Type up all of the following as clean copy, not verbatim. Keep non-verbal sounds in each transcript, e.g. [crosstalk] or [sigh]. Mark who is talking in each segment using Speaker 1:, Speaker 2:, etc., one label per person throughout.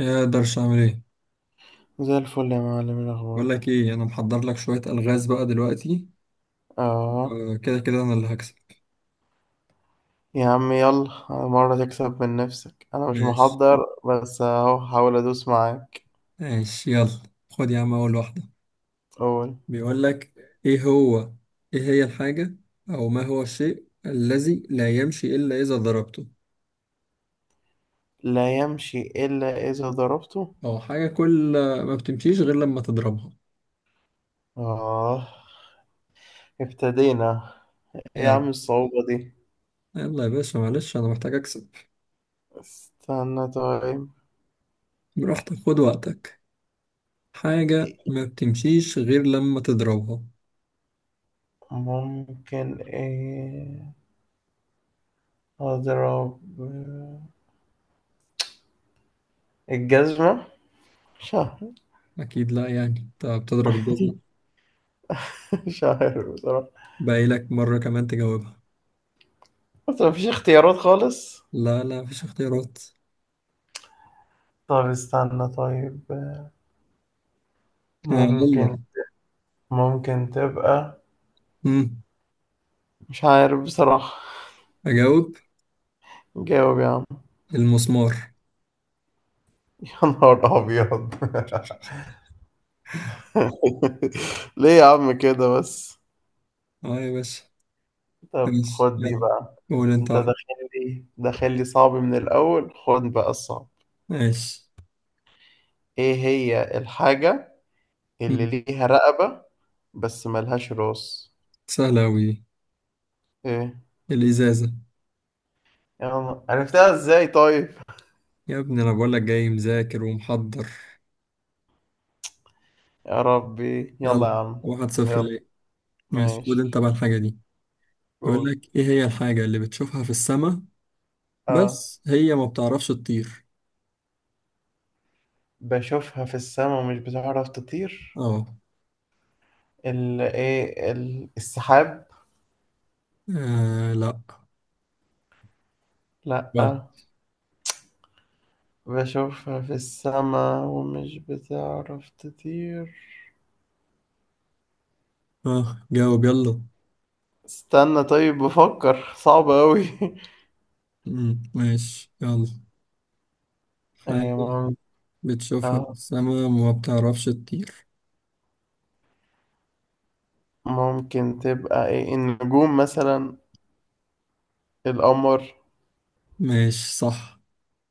Speaker 1: يا درش اعمل ايه؟
Speaker 2: زي الفل يا معلم، إيه
Speaker 1: بقول
Speaker 2: الأخبار؟
Speaker 1: لك ايه، انا محضر لك شويه الغاز بقى دلوقتي.
Speaker 2: اه.
Speaker 1: كده كده انا اللي هكسب.
Speaker 2: يا عم يلا، مرة تكسب من نفسك، أنا مش
Speaker 1: ماشي.
Speaker 2: محضر، بس أهو حاول أدوس معاك.
Speaker 1: ماشي يلا. خد يا عم اول واحده.
Speaker 2: أول.
Speaker 1: بيقول لك ايه هو، ايه هي الحاجه، او ما هو الشيء الذي لا يمشي الا اذا ضربته،
Speaker 2: لا يمشي إلا إذا ضربته.
Speaker 1: او حاجه كل ما بتمشيش غير لما تضربها.
Speaker 2: اه، ابتدينا. إيه يا
Speaker 1: يلا
Speaker 2: عم الصعوبة دي؟
Speaker 1: يلا يا باشا، معلش انا محتاج اكسب.
Speaker 2: استنى طيب.
Speaker 1: براحتك، خد وقتك. حاجه ما بتمشيش غير لما تضربها.
Speaker 2: ممكن إيه؟ أضرب الجزمة؟ مش عارف.
Speaker 1: اكيد لا، يعني انت بتضرب الجزمه؟
Speaker 2: [laughs] مش عارف بصراحة.
Speaker 1: باقي لك مره كمان تجاوبها.
Speaker 2: بس مفيش اختيارات خالص.
Speaker 1: لا لا، مفيش اختيارات.
Speaker 2: طب استنى طيب.
Speaker 1: آه
Speaker 2: ممكن
Speaker 1: يلا.
Speaker 2: ممكن تبقى.
Speaker 1: مم.
Speaker 2: مش عارف بصراحة.
Speaker 1: أجاوب.
Speaker 2: جاوب يا عم.
Speaker 1: المسمار.
Speaker 2: [laughs] يا نهار أبيض. [laughs] ليه يا عم كده بس؟
Speaker 1: اه يا باشا.
Speaker 2: طب
Speaker 1: ماشي
Speaker 2: خد دي
Speaker 1: يلا،
Speaker 2: بقى.
Speaker 1: قول انت
Speaker 2: انت
Speaker 1: واحدة.
Speaker 2: داخل لي صعب من الأول، خد بقى الصعب.
Speaker 1: ماشي.
Speaker 2: ايه هي الحاجة اللي
Speaker 1: مم.
Speaker 2: ليها رقبة بس ملهاش راس؟
Speaker 1: سهلة أوي.
Speaker 2: ايه؟
Speaker 1: الإزازة.
Speaker 2: يا عم، عرفتها ازاي طيب؟
Speaker 1: يا ابني أنا بقولك جاي مذاكر ومحضر.
Speaker 2: يا ربي، يلا يا
Speaker 1: يلا
Speaker 2: عم.
Speaker 1: واحد صفر
Speaker 2: يلا
Speaker 1: ليه. ماشي، خد انت
Speaker 2: ماشي.
Speaker 1: بقى الحاجة دي.
Speaker 2: قول.
Speaker 1: بيقولك ايه هي الحاجة اللي بتشوفها في السماء
Speaker 2: اه.
Speaker 1: بس هي ما بتعرفش تطير؟
Speaker 2: بشوفها في السما ومش بتعرف تطير.
Speaker 1: اه.
Speaker 2: السحاب.
Speaker 1: آه، لا.
Speaker 2: لأ.
Speaker 1: غلط.
Speaker 2: بشوفها في السما ومش بتعرف تطير.
Speaker 1: اه جاوب يلا.
Speaker 2: استنى طيب، بفكر، صعب أوي [laughs]
Speaker 1: ماشي يلا.
Speaker 2: إيه
Speaker 1: حاجة بتشوفها في
Speaker 2: آه،
Speaker 1: السما وما بتعرفش تطير.
Speaker 2: ممكن تبقى ايه؟ النجوم مثلا؟ القمر.
Speaker 1: ماشي صح.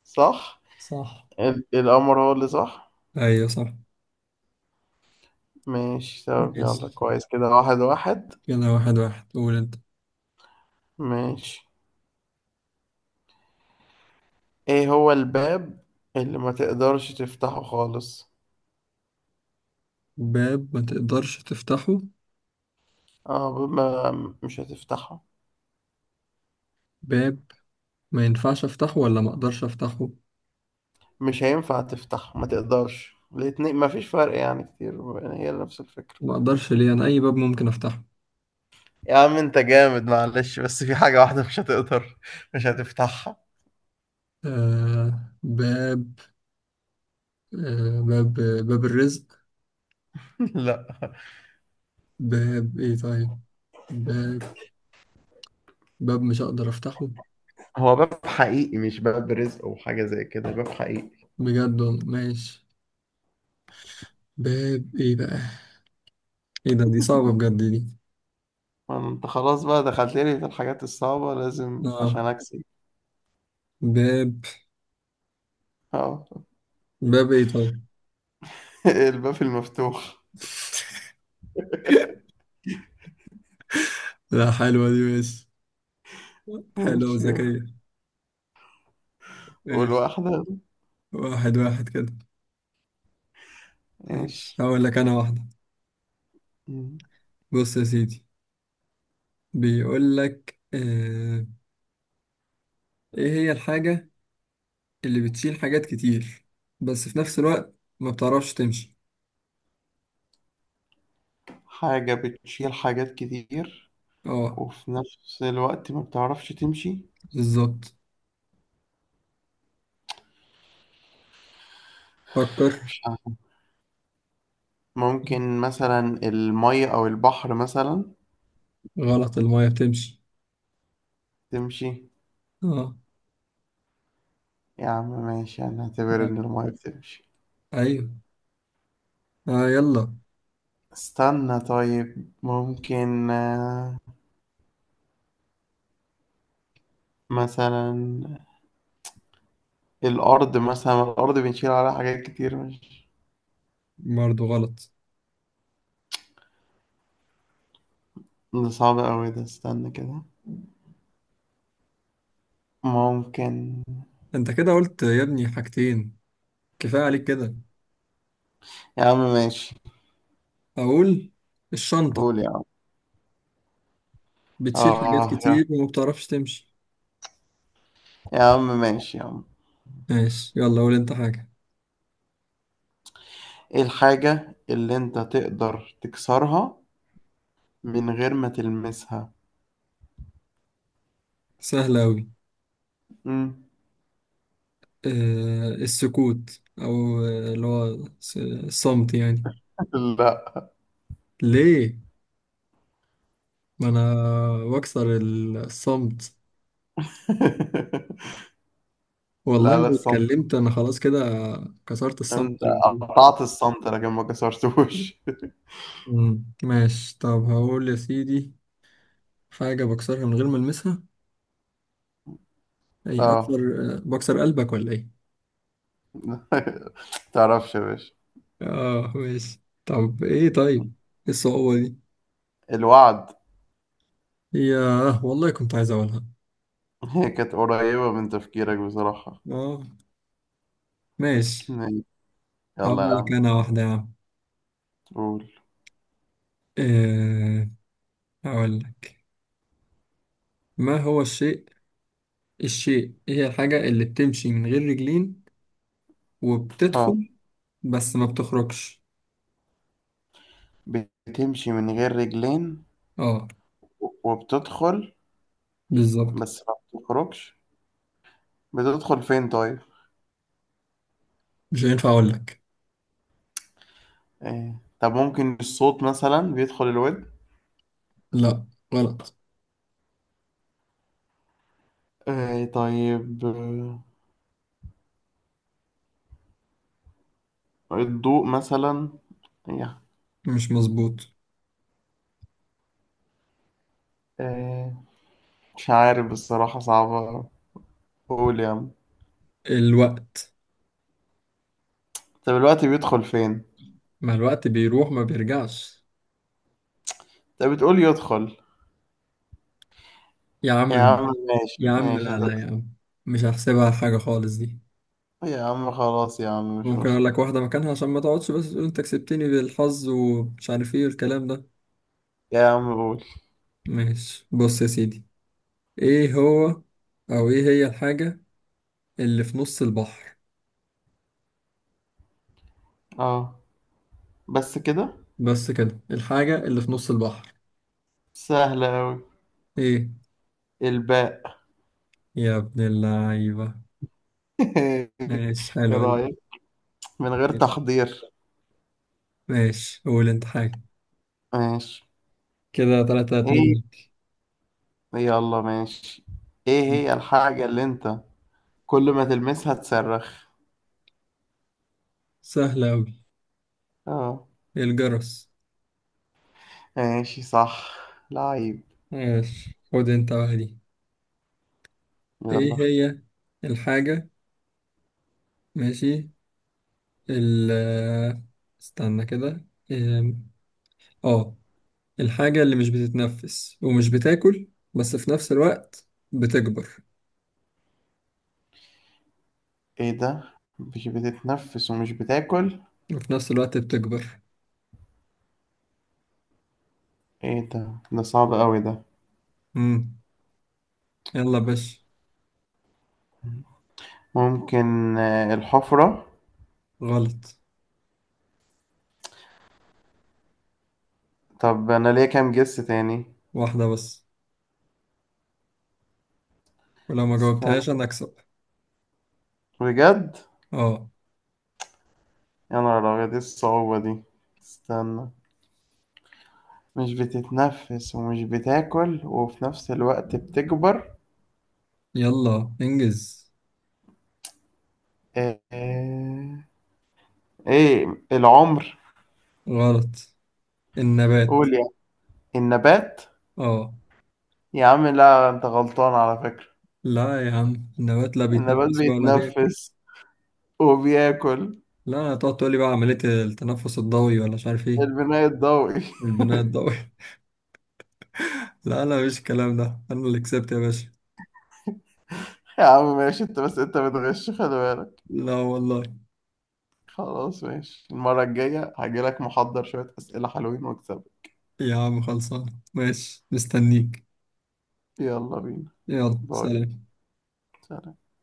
Speaker 2: صح.
Speaker 1: صح.
Speaker 2: القمر هو اللي صح.
Speaker 1: أيوة صح.
Speaker 2: ماشي، طب يلا
Speaker 1: ماشي
Speaker 2: كويس، كده واحد واحد.
Speaker 1: كده واحد واحد، قول أنت.
Speaker 2: ماشي. ايه هو الباب اللي ما تقدرش تفتحه خالص؟
Speaker 1: باب ما تقدرش تفتحه؟
Speaker 2: اه، باب ما مش هتفتحه.
Speaker 1: باب ما ينفعش أفتحه ولا ما أقدرش أفتحه؟
Speaker 2: مش هينفع تفتح، ما تقدرش، الاتنين ما فيش فرق، يعني كتير يعني هي نفس الفكرة.
Speaker 1: ما أقدرش ليه؟ أنا أي باب ممكن أفتحه.
Speaker 2: يا عم انت جامد، معلش، بس في حاجة واحدة مش هتقدر، مش هتفتحها.
Speaker 1: آه باب. آه باب. باب الرزق.
Speaker 2: [laughs] لا.
Speaker 1: باب إيه طيب؟ باب. باب مش هقدر أفتحه.
Speaker 2: هو باب حقيقي، مش باب رزق او حاجة زي كده، باب حقيقي.
Speaker 1: بجد والله. ماشي. باب إيه بقى؟ إيه ده، دي صعبة بجد دي.
Speaker 2: انت خلاص بقى دخلت لي في الحاجات الصعبة، لازم عشان
Speaker 1: آه
Speaker 2: اكسب.
Speaker 1: باب.
Speaker 2: اه.
Speaker 1: باب ايه طيب؟
Speaker 2: [laughs] الباب المفتوح.
Speaker 1: [laughs] لا حلوة دي، ماشي. حلوة
Speaker 2: ماشي يلا.
Speaker 1: وذكية. ماشي.
Speaker 2: والواحدة.
Speaker 1: واحد واحد كده. ماشي
Speaker 2: ماشي.
Speaker 1: هقول لك أنا واحدة.
Speaker 2: مم.
Speaker 1: بص يا سيدي، بيقول لك آه، إيه هي الحاجة اللي بتشيل حاجات كتير بس في نفس الوقت ما بتعرفش تمشي.
Speaker 2: حاجة بتشيل حاجات كتير
Speaker 1: اه.
Speaker 2: وفي نفس الوقت ما بتعرفش تمشي.
Speaker 1: بالظبط. فكر.
Speaker 2: مش ممكن مثلا المية أو البحر مثلا؟
Speaker 1: غلط، المايه بتمشي.
Speaker 2: تمشي.
Speaker 1: اه.
Speaker 2: يا عم ماشي، هنعتبر إن
Speaker 1: آه.
Speaker 2: المية بتمشي.
Speaker 1: ايوه. اه يلا.
Speaker 2: استنى طيب، ممكن آه، مثلا الأرض مثلا، الأرض بنشيل عليها حاجات كتير، مش.
Speaker 1: برضه غلط.
Speaker 2: ده صعب أوي ده، استنى كده. ممكن.
Speaker 1: انت كده قلت يا ابني حاجتين، كفاية عليك كده.
Speaker 2: يا عم ماشي.
Speaker 1: اقول الشنطة،
Speaker 2: قول يا عم.
Speaker 1: بتشيل حاجات
Speaker 2: آه يا
Speaker 1: كتير وما بتعرفش تمشي.
Speaker 2: يا عم ماشي يا عم.
Speaker 1: ماشي يلا قول انت حاجة.
Speaker 2: إيه الحاجة اللي أنت تقدر تكسرها من غير ما تلمسها؟
Speaker 1: سهلة أوي.
Speaker 2: مم.
Speaker 1: آه السكوت، أو اللي هو الصمت يعني.
Speaker 2: [laughs] لا.
Speaker 1: ليه؟ ما أنا بكسر الصمت.
Speaker 2: [laughs]
Speaker 1: والله
Speaker 2: لا، لا،
Speaker 1: لو
Speaker 2: الصمت.
Speaker 1: اتكلمت أنا خلاص كده، كسرت
Speaker 2: انت
Speaker 1: الصمت اللي موجود.
Speaker 2: قطعت الصمت لكن ما كسرتوش [laughs]
Speaker 1: ماشي طب، هقول يا سيدي، حاجة بكسرها من غير ما ألمسها، أي أكسر.
Speaker 2: اه.
Speaker 1: بكسر قلبك ولا إيه؟
Speaker 2: [laughs] تعرفش يا باشا.
Speaker 1: آه ماشي، طب إيه طيب؟ إيه الصعوبة دي؟
Speaker 2: الوعد.
Speaker 1: ياه والله كنت عايز أقولها.
Speaker 2: [laughs] هي كانت قريبة من تفكيرك بصراحة.
Speaker 1: اه ماشي. هقول
Speaker 2: يلا يا
Speaker 1: لك
Speaker 2: عم.
Speaker 1: انا واحدة يا عم.
Speaker 2: قول.
Speaker 1: أه هقول لك، ما هو الشيء، الشيء هي الحاجة اللي بتمشي من غير رجلين
Speaker 2: اه.
Speaker 1: وبتدخل بس ما بتخرجش.
Speaker 2: بتمشي من غير رجلين
Speaker 1: اه
Speaker 2: وبتدخل
Speaker 1: بالظبط.
Speaker 2: بس ما بتخرجش. بتدخل فين طيب؟
Speaker 1: مش هينفع اقول لك.
Speaker 2: إيه؟ طب ممكن الصوت مثلا بيدخل الود.
Speaker 1: لا غلط.
Speaker 2: إيه طيب؟ آه، الضوء مثلا. إيه.
Speaker 1: مش مظبوط.
Speaker 2: إيه. مش عارف بصراحة، صعبة. قول يا عم.
Speaker 1: الوقت.
Speaker 2: طب الوقت بيدخل فين؟
Speaker 1: ما الوقت بيروح ما بيرجعش.
Speaker 2: طب بتقول يدخل.
Speaker 1: يا
Speaker 2: يا
Speaker 1: عم.
Speaker 2: عم ماشي،
Speaker 1: يا عم
Speaker 2: ماشي
Speaker 1: لا
Speaker 2: انت.
Speaker 1: لا يا عم، مش هحسبها حاجة خالص دي.
Speaker 2: يا عم خلاص يا عم، مش
Speaker 1: ممكن اقول
Speaker 2: مشكلة.
Speaker 1: لك واحدة مكانها عشان ما تقعدش بس تقول انت كسبتني بالحظ ومش عارف ايه والكلام ده.
Speaker 2: يا عم قول.
Speaker 1: ماشي، بص يا سيدي، ايه هو، او ايه هي الحاجة اللي في نص البحر،
Speaker 2: اه. بس كده؟
Speaker 1: بس كده، الحاجة اللي في نص البحر.
Speaker 2: سهلة أوي.
Speaker 1: ايه
Speaker 2: الباء.
Speaker 1: يا ابن اللعيبة.
Speaker 2: [laughs] ايه
Speaker 1: ماشي حلوة
Speaker 2: رأيك؟ من غير
Speaker 1: دي.
Speaker 2: تحضير.
Speaker 1: ماشي قول انت حاجة.
Speaker 2: ماشي.
Speaker 1: كده تلاتة اتنين
Speaker 2: ايه.
Speaker 1: ليك.
Speaker 2: يلا ماشي. ايه هي الحاجة اللي انت كل ما تلمسها تصرخ؟
Speaker 1: سهلة اوي.
Speaker 2: اه.
Speaker 1: الجرس.
Speaker 2: ماشي صح. لعيب.
Speaker 1: ماشي خد انت بقى دي. ايه
Speaker 2: يلا.
Speaker 1: هي الحاجة. ماشي ال استنى كده. إيه، اه، الحاجة اللي مش بتتنفس ومش بتاكل بس في نفس الوقت بتكبر.
Speaker 2: ايه ده؟ مش بتتنفس ومش بتاكل.
Speaker 1: وفي نفس الوقت بتكبر.
Speaker 2: ايه ده؟ ده صعب أوي ده.
Speaker 1: مم. يلا باش.
Speaker 2: ممكن آه، الحفرة؟
Speaker 1: غلط.
Speaker 2: طب أنا ليا كام جس تاني؟
Speaker 1: واحدة بس، ولو ما جاوبتهاش
Speaker 2: استنى.
Speaker 1: أنا أكسب.
Speaker 2: بجد.
Speaker 1: اه
Speaker 2: يا نهار أبيض، إيه الصعوبة دي؟ استنى، مش بتتنفس ومش بتاكل وفي نفس الوقت بتكبر.
Speaker 1: يلا انجز.
Speaker 2: آه، آه، إيه؟ العمر؟
Speaker 1: غلط. النبات.
Speaker 2: قول يعني. النبات؟
Speaker 1: اه.
Speaker 2: يا عم لا، أنت غلطان على فكرة.
Speaker 1: لا يا عم، النبات لا
Speaker 2: النبات
Speaker 1: بيتنفس ولا بياكل.
Speaker 2: بيتنفس وبياكل.
Speaker 1: لا تقعد تقولي بقى عملية التنفس الضوئي ولا مش عارف ايه.
Speaker 2: البناء الضوئي.
Speaker 1: البناء
Speaker 2: [laughs]
Speaker 1: الضوئي. [laughs] لا لا مش الكلام ده، أنا اللي كسبت يا باشا.
Speaker 2: يا عم ماشي، أنت بس أنت بتغش، خلي بالك.
Speaker 1: لا والله.
Speaker 2: خلاص ماشي، المرة الجاية هجيلك محضر شوية أسئلة حلوين واكسبك.
Speaker 1: يا عم خلصان، ماشي مستنيك.
Speaker 2: يلا بينا.
Speaker 1: يلا
Speaker 2: باي.
Speaker 1: سلام.
Speaker 2: سلام.